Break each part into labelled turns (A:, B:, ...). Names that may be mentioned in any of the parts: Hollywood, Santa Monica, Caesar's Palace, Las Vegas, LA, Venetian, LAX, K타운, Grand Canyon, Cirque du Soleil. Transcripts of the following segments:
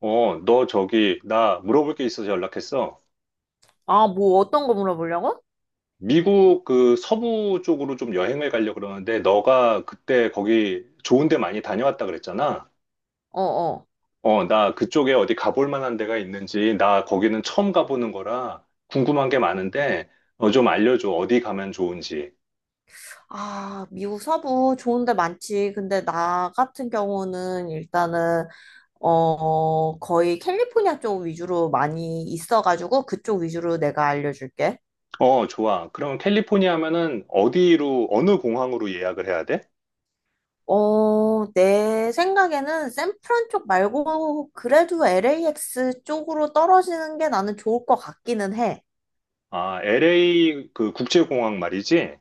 A: 어, 너 저기, 나 물어볼 게 있어서 연락했어.
B: 아, 뭐 어떤 거 물어보려고?
A: 미국 그 서부 쪽으로 좀 여행을 가려고 그러는데, 너가 그때 거기 좋은 데 많이 다녀왔다 그랬잖아.
B: 어, 어.
A: 어, 나 그쪽에 어디 가볼 만한 데가 있는지, 나 거기는 처음 가보는 거라 궁금한 게 많은데, 어, 좀 알려줘. 어디 가면 좋은지.
B: 아, 미국 서부 좋은 데 많지. 근데 나 같은 경우는 일단은 어, 거의 캘리포니아 쪽 위주로 많이 있어가지고 그쪽 위주로 내가 알려줄게.
A: 어, 좋아. 그럼 캘리포니아 하면은 어디로, 어느 공항으로 예약을 해야 돼?
B: 어, 내 생각에는 샌프란 쪽 말고 그래도 LAX 쪽으로 떨어지는 게 나는 좋을 것 같기는 해.
A: 아, LA 그 국제공항 말이지?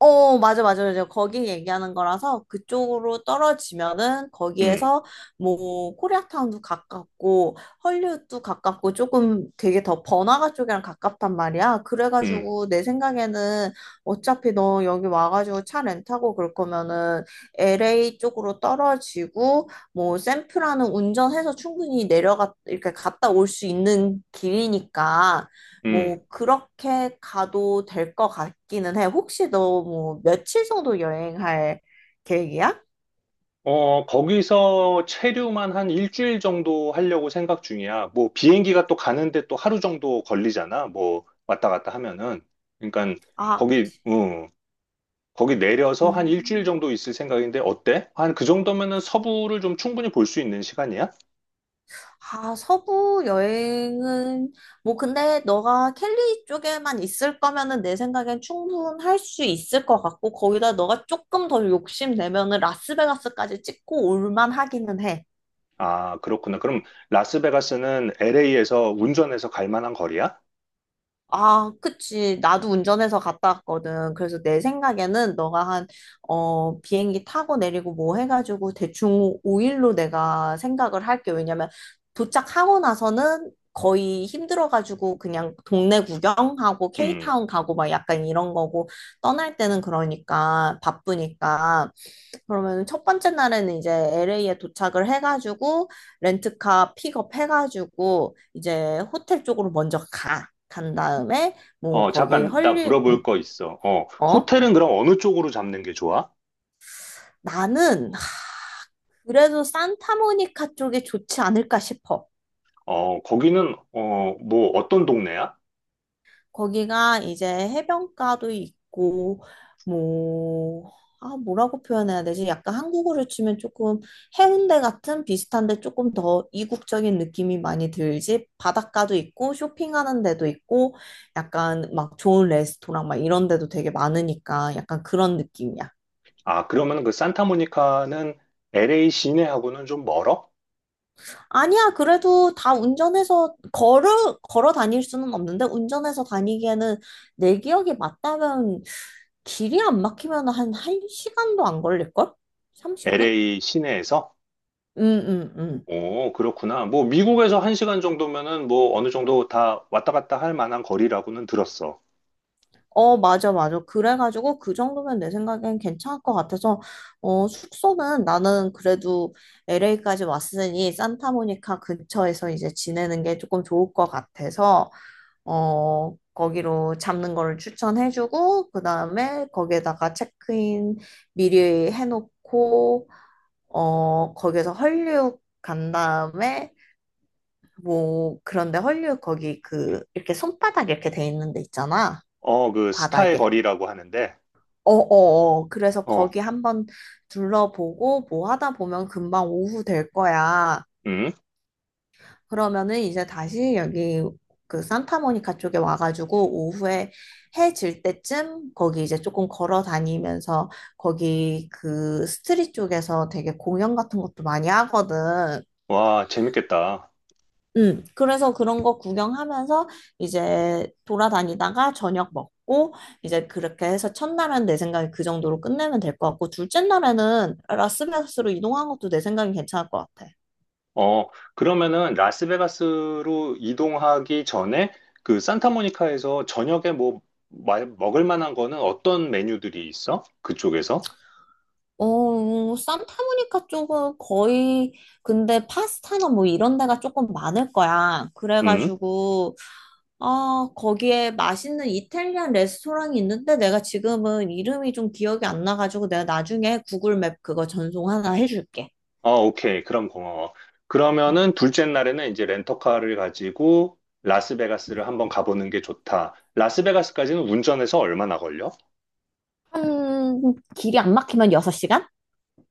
B: 어, 맞아, 맞아, 맞아. 거기 얘기하는 거라서 그쪽으로 떨어지면은
A: 응,
B: 거기에서 뭐 코리아타운도 가깝고 헐리우드도 가깝고 조금 되게 더 번화가 쪽이랑 가깝단 말이야.
A: 응,
B: 그래가지고 내 생각에는 어차피 너 여기 와가지고 차 렌트하고 그럴 거면은 LA 쪽으로 떨어지고 뭐 샌프란은 운전해서 충분히 내려가 이렇게 갔다 올 수 있는 길이니까
A: 응.
B: 뭐 그렇게 가도 될 것 같기는 해. 혹시 너 뭐 며칠 정도 여행할 계획이야?
A: 어, 거기서 체류만 한 일주일 정도 하려고 생각 중이야. 뭐, 비행기가 또 가는데 또 하루 정도 걸리잖아. 뭐, 왔다 갔다 하면은. 그러니까,
B: 아,
A: 거기, 거기 내려서 한 일주일
B: 음.
A: 정도 있을 생각인데, 어때? 한 그 정도면은 서부를 좀 충분히 볼 수 있는 시간이야?
B: 아, 서부 여행은 뭐 근데 너가 캘리 쪽에만 있을 거면은 내 생각엔 충분할 수 있을 것 같고 거기다 너가 조금 더 욕심 내면은 라스베가스까지 찍고 올만 하기는 해.
A: 아, 그렇구나. 그럼 라스베가스는 LA에서 운전해서 갈 만한 거리야?
B: 아, 그치. 나도 운전해서 갔다 왔거든. 그래서 내 생각에는 너가 한, 어, 비행기 타고 내리고 뭐 해가지고 대충 5일로 내가 생각을 할게. 왜냐면 도착하고 나서는 거의 힘들어가지고 그냥 동네 구경하고
A: 음,
B: K타운 가고 막 약간 이런 거고 떠날 때는 그러니까 바쁘니까. 그러면 첫 번째 날에는 이제 LA에 도착을 해가지고 렌트카 픽업해가지고 이제 호텔 쪽으로 먼저 가. 간 다음에 뭐
A: 어,
B: 거기
A: 잠깐, 나
B: 헐리 응,
A: 물어볼 거 있어.
B: 어?
A: 호텔은 그럼 어느 쪽으로 잡는 게 좋아?
B: 나는 그래도 산타모니카 쪽이 좋지 않을까 싶어.
A: 어, 거기는, 어, 뭐, 어떤 동네야?
B: 거기가 이제 해변가도 있고, 뭐, 아, 뭐라고 표현해야 되지? 약간 한국으로 치면 조금 해운대 같은 비슷한데 조금 더 이국적인 느낌이 많이 들지? 바닷가도 있고, 쇼핑하는 데도 있고, 약간 막 좋은 레스토랑 막 이런 데도 되게 많으니까 약간 그런 느낌이야.
A: 아, 그러면 그 산타모니카는 LA 시내하고는 좀 멀어?
B: 아니야, 그래도 다 운전해서 걸어 다닐 수는 없는데, 운전해서 다니기에는 내 기억이 맞다면, 길이 안 막히면 한 1시간도 안 걸릴걸? 30분?
A: LA 시내에서?
B: 응, 응, 응.
A: 오, 그렇구나. 뭐, 미국에서 한 시간 정도면은 뭐, 어느 정도 다 왔다 갔다 할 만한 거리라고는 들었어.
B: 어, 맞아, 맞아. 그래가지고 그 정도면 내 생각엔 괜찮을 것 같아서, 어, 숙소는 나는 그래도 LA까지 왔으니 산타모니카 근처에서 이제 지내는 게 조금 좋을 것 같아서, 어, 거기로 잡는 거를 추천해주고, 그 다음에 거기에다가 체크인 미리 해놓고, 어, 거기에서 헐리우드 간 다음에, 뭐, 그런데 헐리우드 거기 그, 이렇게 손바닥 이렇게 돼 있는 데 있잖아.
A: 어, 그, 스타의
B: 바닥에.
A: 거리라고 하는데,
B: 어어어. 그래서
A: 어,
B: 거기 한번 둘러보고, 뭐 하다 보면 금방 오후 될 거야.
A: 음,
B: 그러면은 이제 다시 여기 그 산타모니카 쪽에 와가지고 오후에 해질 때쯤 거기 이제 조금 걸어 다니면서 거기 그 스트릿 쪽에서 되게 공연 같은 것도 많이 하거든.
A: 와, 재밌겠다.
B: 그래서 그런 거 구경하면서 이제 돌아다니다가 저녁 먹고 이제 그렇게 해서 첫날은 내 생각에 그 정도로 끝내면 될 것 같고 둘째 날에는 라스베가스로 이동한 것도 내 생각엔 괜찮을 것 같아.
A: 어, 그러면은 라스베가스로 이동하기 전에 그 산타모니카에서 저녁에 뭐 먹을 만한 거는 어떤 메뉴들이 있어? 그쪽에서?
B: 어, 산타모니카 쪽은 거의, 근데 파스타나 뭐 이런 데가 조금 많을 거야.
A: 음.
B: 그래가지고, 아, 거기에 맛있는 이탈리안 레스토랑이 있는데 내가 지금은 이름이 좀 기억이 안 나가지고 내가 나중에 구글 맵 그거 전송 하나 해줄게.
A: 어 오케이. 그럼 고마워. 그러면은 둘째 날에는 이제 렌터카를 가지고 라스베가스를 한번 가보는 게 좋다. 라스베가스까지는 운전해서 얼마나 걸려?
B: 한, 길이 안 막히면 6시간?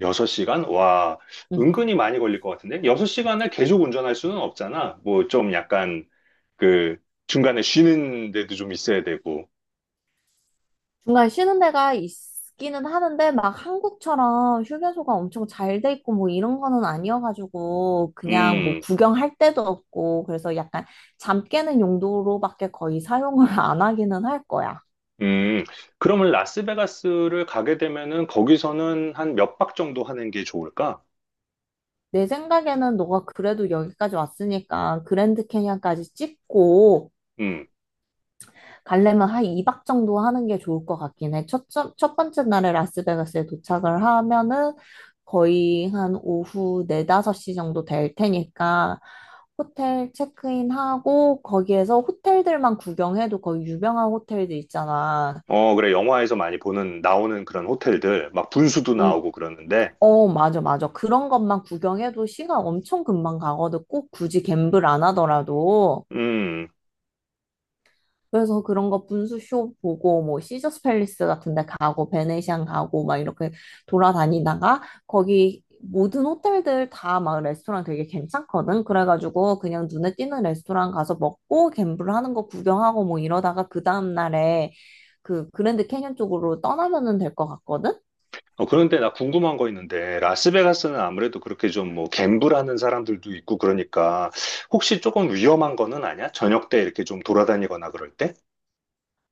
A: 6시간? 와, 은근히 많이 걸릴 것 같은데? 6시간을 계속 운전할 수는 없잖아. 뭐 좀 약간 그 중간에 쉬는 데도 좀 있어야 되고.
B: 중간에 쉬는 데가 있기는 하는데 막 한국처럼 휴게소가 엄청 잘 돼 있고 뭐 이런 거는 아니어가지고 그냥 뭐
A: 음,
B: 구경할 데도 없고 그래서 약간 잠 깨는 용도로밖에 거의 사용을 안 하기는 할 거야.
A: 음. 그러면 라스베가스를 가게 되면은 거기서는 한 몇 박 정도 하는 게 좋을까?
B: 내 생각에는 너가 그래도 여기까지 왔으니까 그랜드 캐니언까지 찍고
A: 음.
B: 가려면 한 2박 정도 하는 게 좋을 것 같긴 해. 첫 번째 날에 라스베가스에 도착을 하면은 거의 한 오후 4, 5시 정도 될 테니까 호텔 체크인하고 거기에서 호텔들만 구경해도 거의 유명한 호텔들 있잖아.
A: 어, 그래. 영화에서 많이 보는 나오는 그런 호텔들 막 분수도
B: 음,
A: 나오고 그러는데.
B: 어, 맞아, 맞아. 그런 것만 구경해도 시간 엄청 금방 가거든. 꼭 굳이 갬블 안 하더라도.
A: 음.
B: 그래서 그런 거 분수쇼 보고 뭐 시저스 팰리스 같은 데 가고 베네시안 가고 막 이렇게 돌아다니다가 거기 모든 호텔들 다 막 레스토랑 되게 괜찮거든. 그래가지고 그냥 눈에 띄는 레스토랑 가서 먹고 갬블 하는 거 구경하고 뭐 이러다가 그 다음 날에 그 그랜드 캐년 쪽으로 떠나면은 될 것 같거든.
A: 어, 그런데 나 궁금한 거 있는데 라스베가스는 아무래도 그렇게 좀 뭐 갬블하는 사람들도 있고 그러니까 혹시 조금 위험한 거는 아니야? 저녁 때 이렇게 좀 돌아다니거나 그럴 때?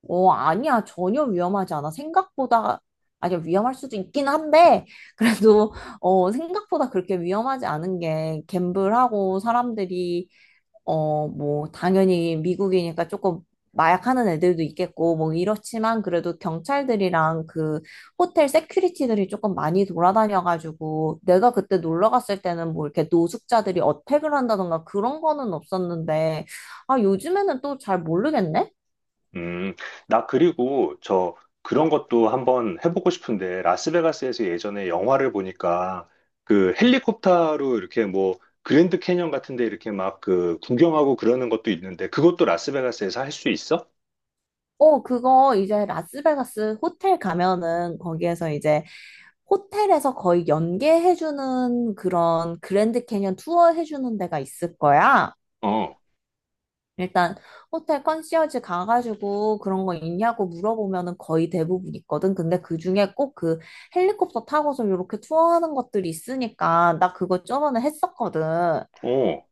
B: 어, 아니야. 전혀 위험하지 않아. 생각보다 아니야. 위험할 수도 있긴 한데 그래도 어, 생각보다 그렇게 위험하지 않은 게 갬블하고 사람들이 어, 뭐, 당연히 미국이니까 조금 마약하는 애들도 있겠고, 뭐, 이렇지만 그래도 경찰들이랑 그 호텔 세큐리티들이 조금 많이 돌아다녀가지고, 내가 그때 놀러 갔을 때는 뭐 이렇게 노숙자들이 어택을 한다던가 그런 거는 없었는데, 아, 요즘에는 또 잘 모르겠네?
A: 음, 나 그리고 저 그런 것도 한번 해보고 싶은데, 라스베가스에서 예전에 영화를 보니까 그 헬리콥터로 이렇게 뭐 그랜드 캐년 같은 데 이렇게 막 그 구경하고 그러는 것도 있는데, 그것도 라스베가스에서 할 수 있어?
B: 어, 그거 이제 라스베가스 호텔 가면은 거기에서 이제 호텔에서 거의 연계해주는 그런 그랜드 캐니언 투어 해주는 데가 있을 거야.
A: 어,
B: 일단 호텔 컨시어지 가가지고 그런 거 있냐고 물어보면은 거의 대부분 있거든. 근데 그중에 꼭 그 헬리콥터 타고서 이렇게 투어하는 것들이 있으니까 나 그거 저번에 했었거든.
A: 어,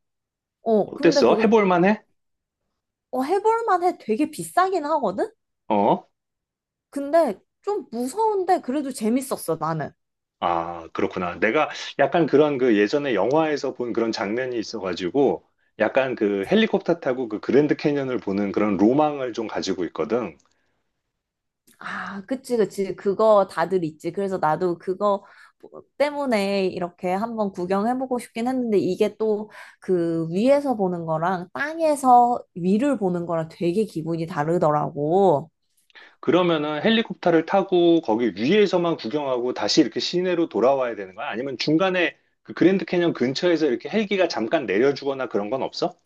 B: 어, 근데
A: 어땠어?
B: 그거
A: 해볼 만해?
B: 어, 해볼 만해. 되게 비싸긴 하거든.
A: 어,
B: 근데 좀 무서운데 그래도 재밌었어, 나는.
A: 아, 그렇구나. 내가 약간 그런 그 예전에 영화에서 본 그런 장면이 있어가지고, 약간 그 헬리콥터 타고 그 그랜드 캐년을 보는 그런 로망을 좀 가지고 있거든.
B: 아, 그치, 그치. 그거 다들 있지. 그래서 나도 그거 뭐 때문에 이렇게 한번 구경해보고 싶긴 했는데 이게 또 그 위에서 보는 거랑 땅에서 위를 보는 거랑 되게 기분이 다르더라고.
A: 그러면은 헬리콥터를 타고 거기 위에서만 구경하고 다시 이렇게 시내로 돌아와야 되는 거야? 아니면 중간에 그 그랜드 캐년 근처에서 이렇게 헬기가 잠깐 내려주거나 그런 건 없어?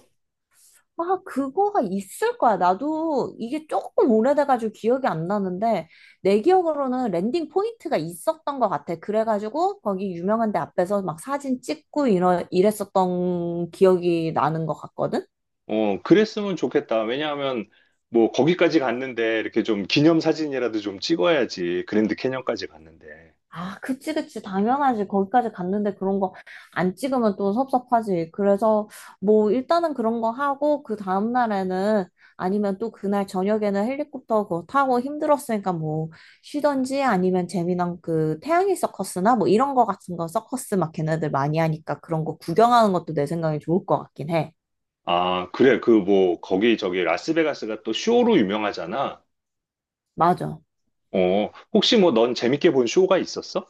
B: 아, 그거가 있을 거야. 나도 이게 조금 오래돼가지고 기억이 안 나는데 내 기억으로는 랜딩 포인트가 있었던 것 같아. 그래가지고 거기 유명한 데 앞에서 막 사진 찍고 이랬었던 기억이 나는 것 같거든.
A: 어, 그랬으면 좋겠다. 왜냐하면 뭐 거기까지 갔는데 이렇게 좀 기념 사진이라도 좀 찍어야지. 그랜드 캐년까지 갔는데.
B: 아, 그치, 그치. 당연하지. 거기까지 갔는데 그런 거 안 찍으면 또 섭섭하지. 그래서 뭐 일단은 그런 거 하고 그 다음 날에는 아니면 또 그날 저녁에는 헬리콥터 그거 타고 힘들었으니까 뭐 쉬던지 아니면 재미난 그 태양의 서커스나 뭐 이런 거 같은 거 서커스 막 걔네들 많이 하니까 그런 거 구경하는 것도 내 생각에 좋을 것 같긴 해.
A: 아, 그래. 그 뭐 거기 저기 라스베가스가 또 쇼로 유명하잖아.
B: 맞아.
A: 어, 혹시 뭐 넌 재밌게 본 쇼가 있었어?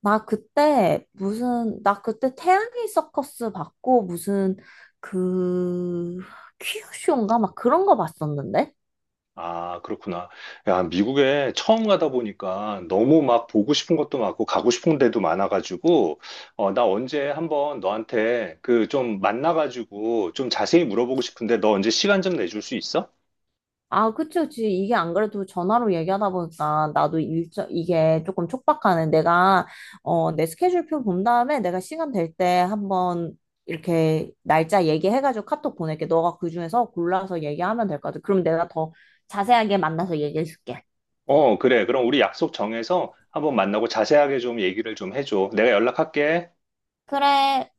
B: 나 그때 태양의 서커스 봤고, 무슨, 그, 퀴즈쇼인가? 막 그런 거 봤었는데?
A: 아, 그렇구나. 야, 미국에 처음 가다 보니까 너무 막 보고 싶은 것도 많고 가고 싶은 데도 많아가지고, 어, 나 언제 한번 너한테 그 좀 만나가지고 좀 자세히 물어보고 싶은데 너 언제 시간 좀 내줄 수 있어?
B: 아, 그치, 그치. 이게 안 그래도 전화로 얘기하다 보니까 나도 일정, 이게 조금 촉박하네. 내가, 어, 내 스케줄표 본 다음에 내가 시간 될 때 한번 이렇게 날짜 얘기해가지고 카톡 보낼게. 너가 그 중에서 골라서 얘기하면 될 것 같아. 그럼 내가 더 자세하게 만나서 얘기해줄게.
A: 어, 그래. 그럼 우리 약속 정해서 한번 만나고 자세하게 좀 얘기를 좀 해줘. 내가 연락할게.
B: 그래.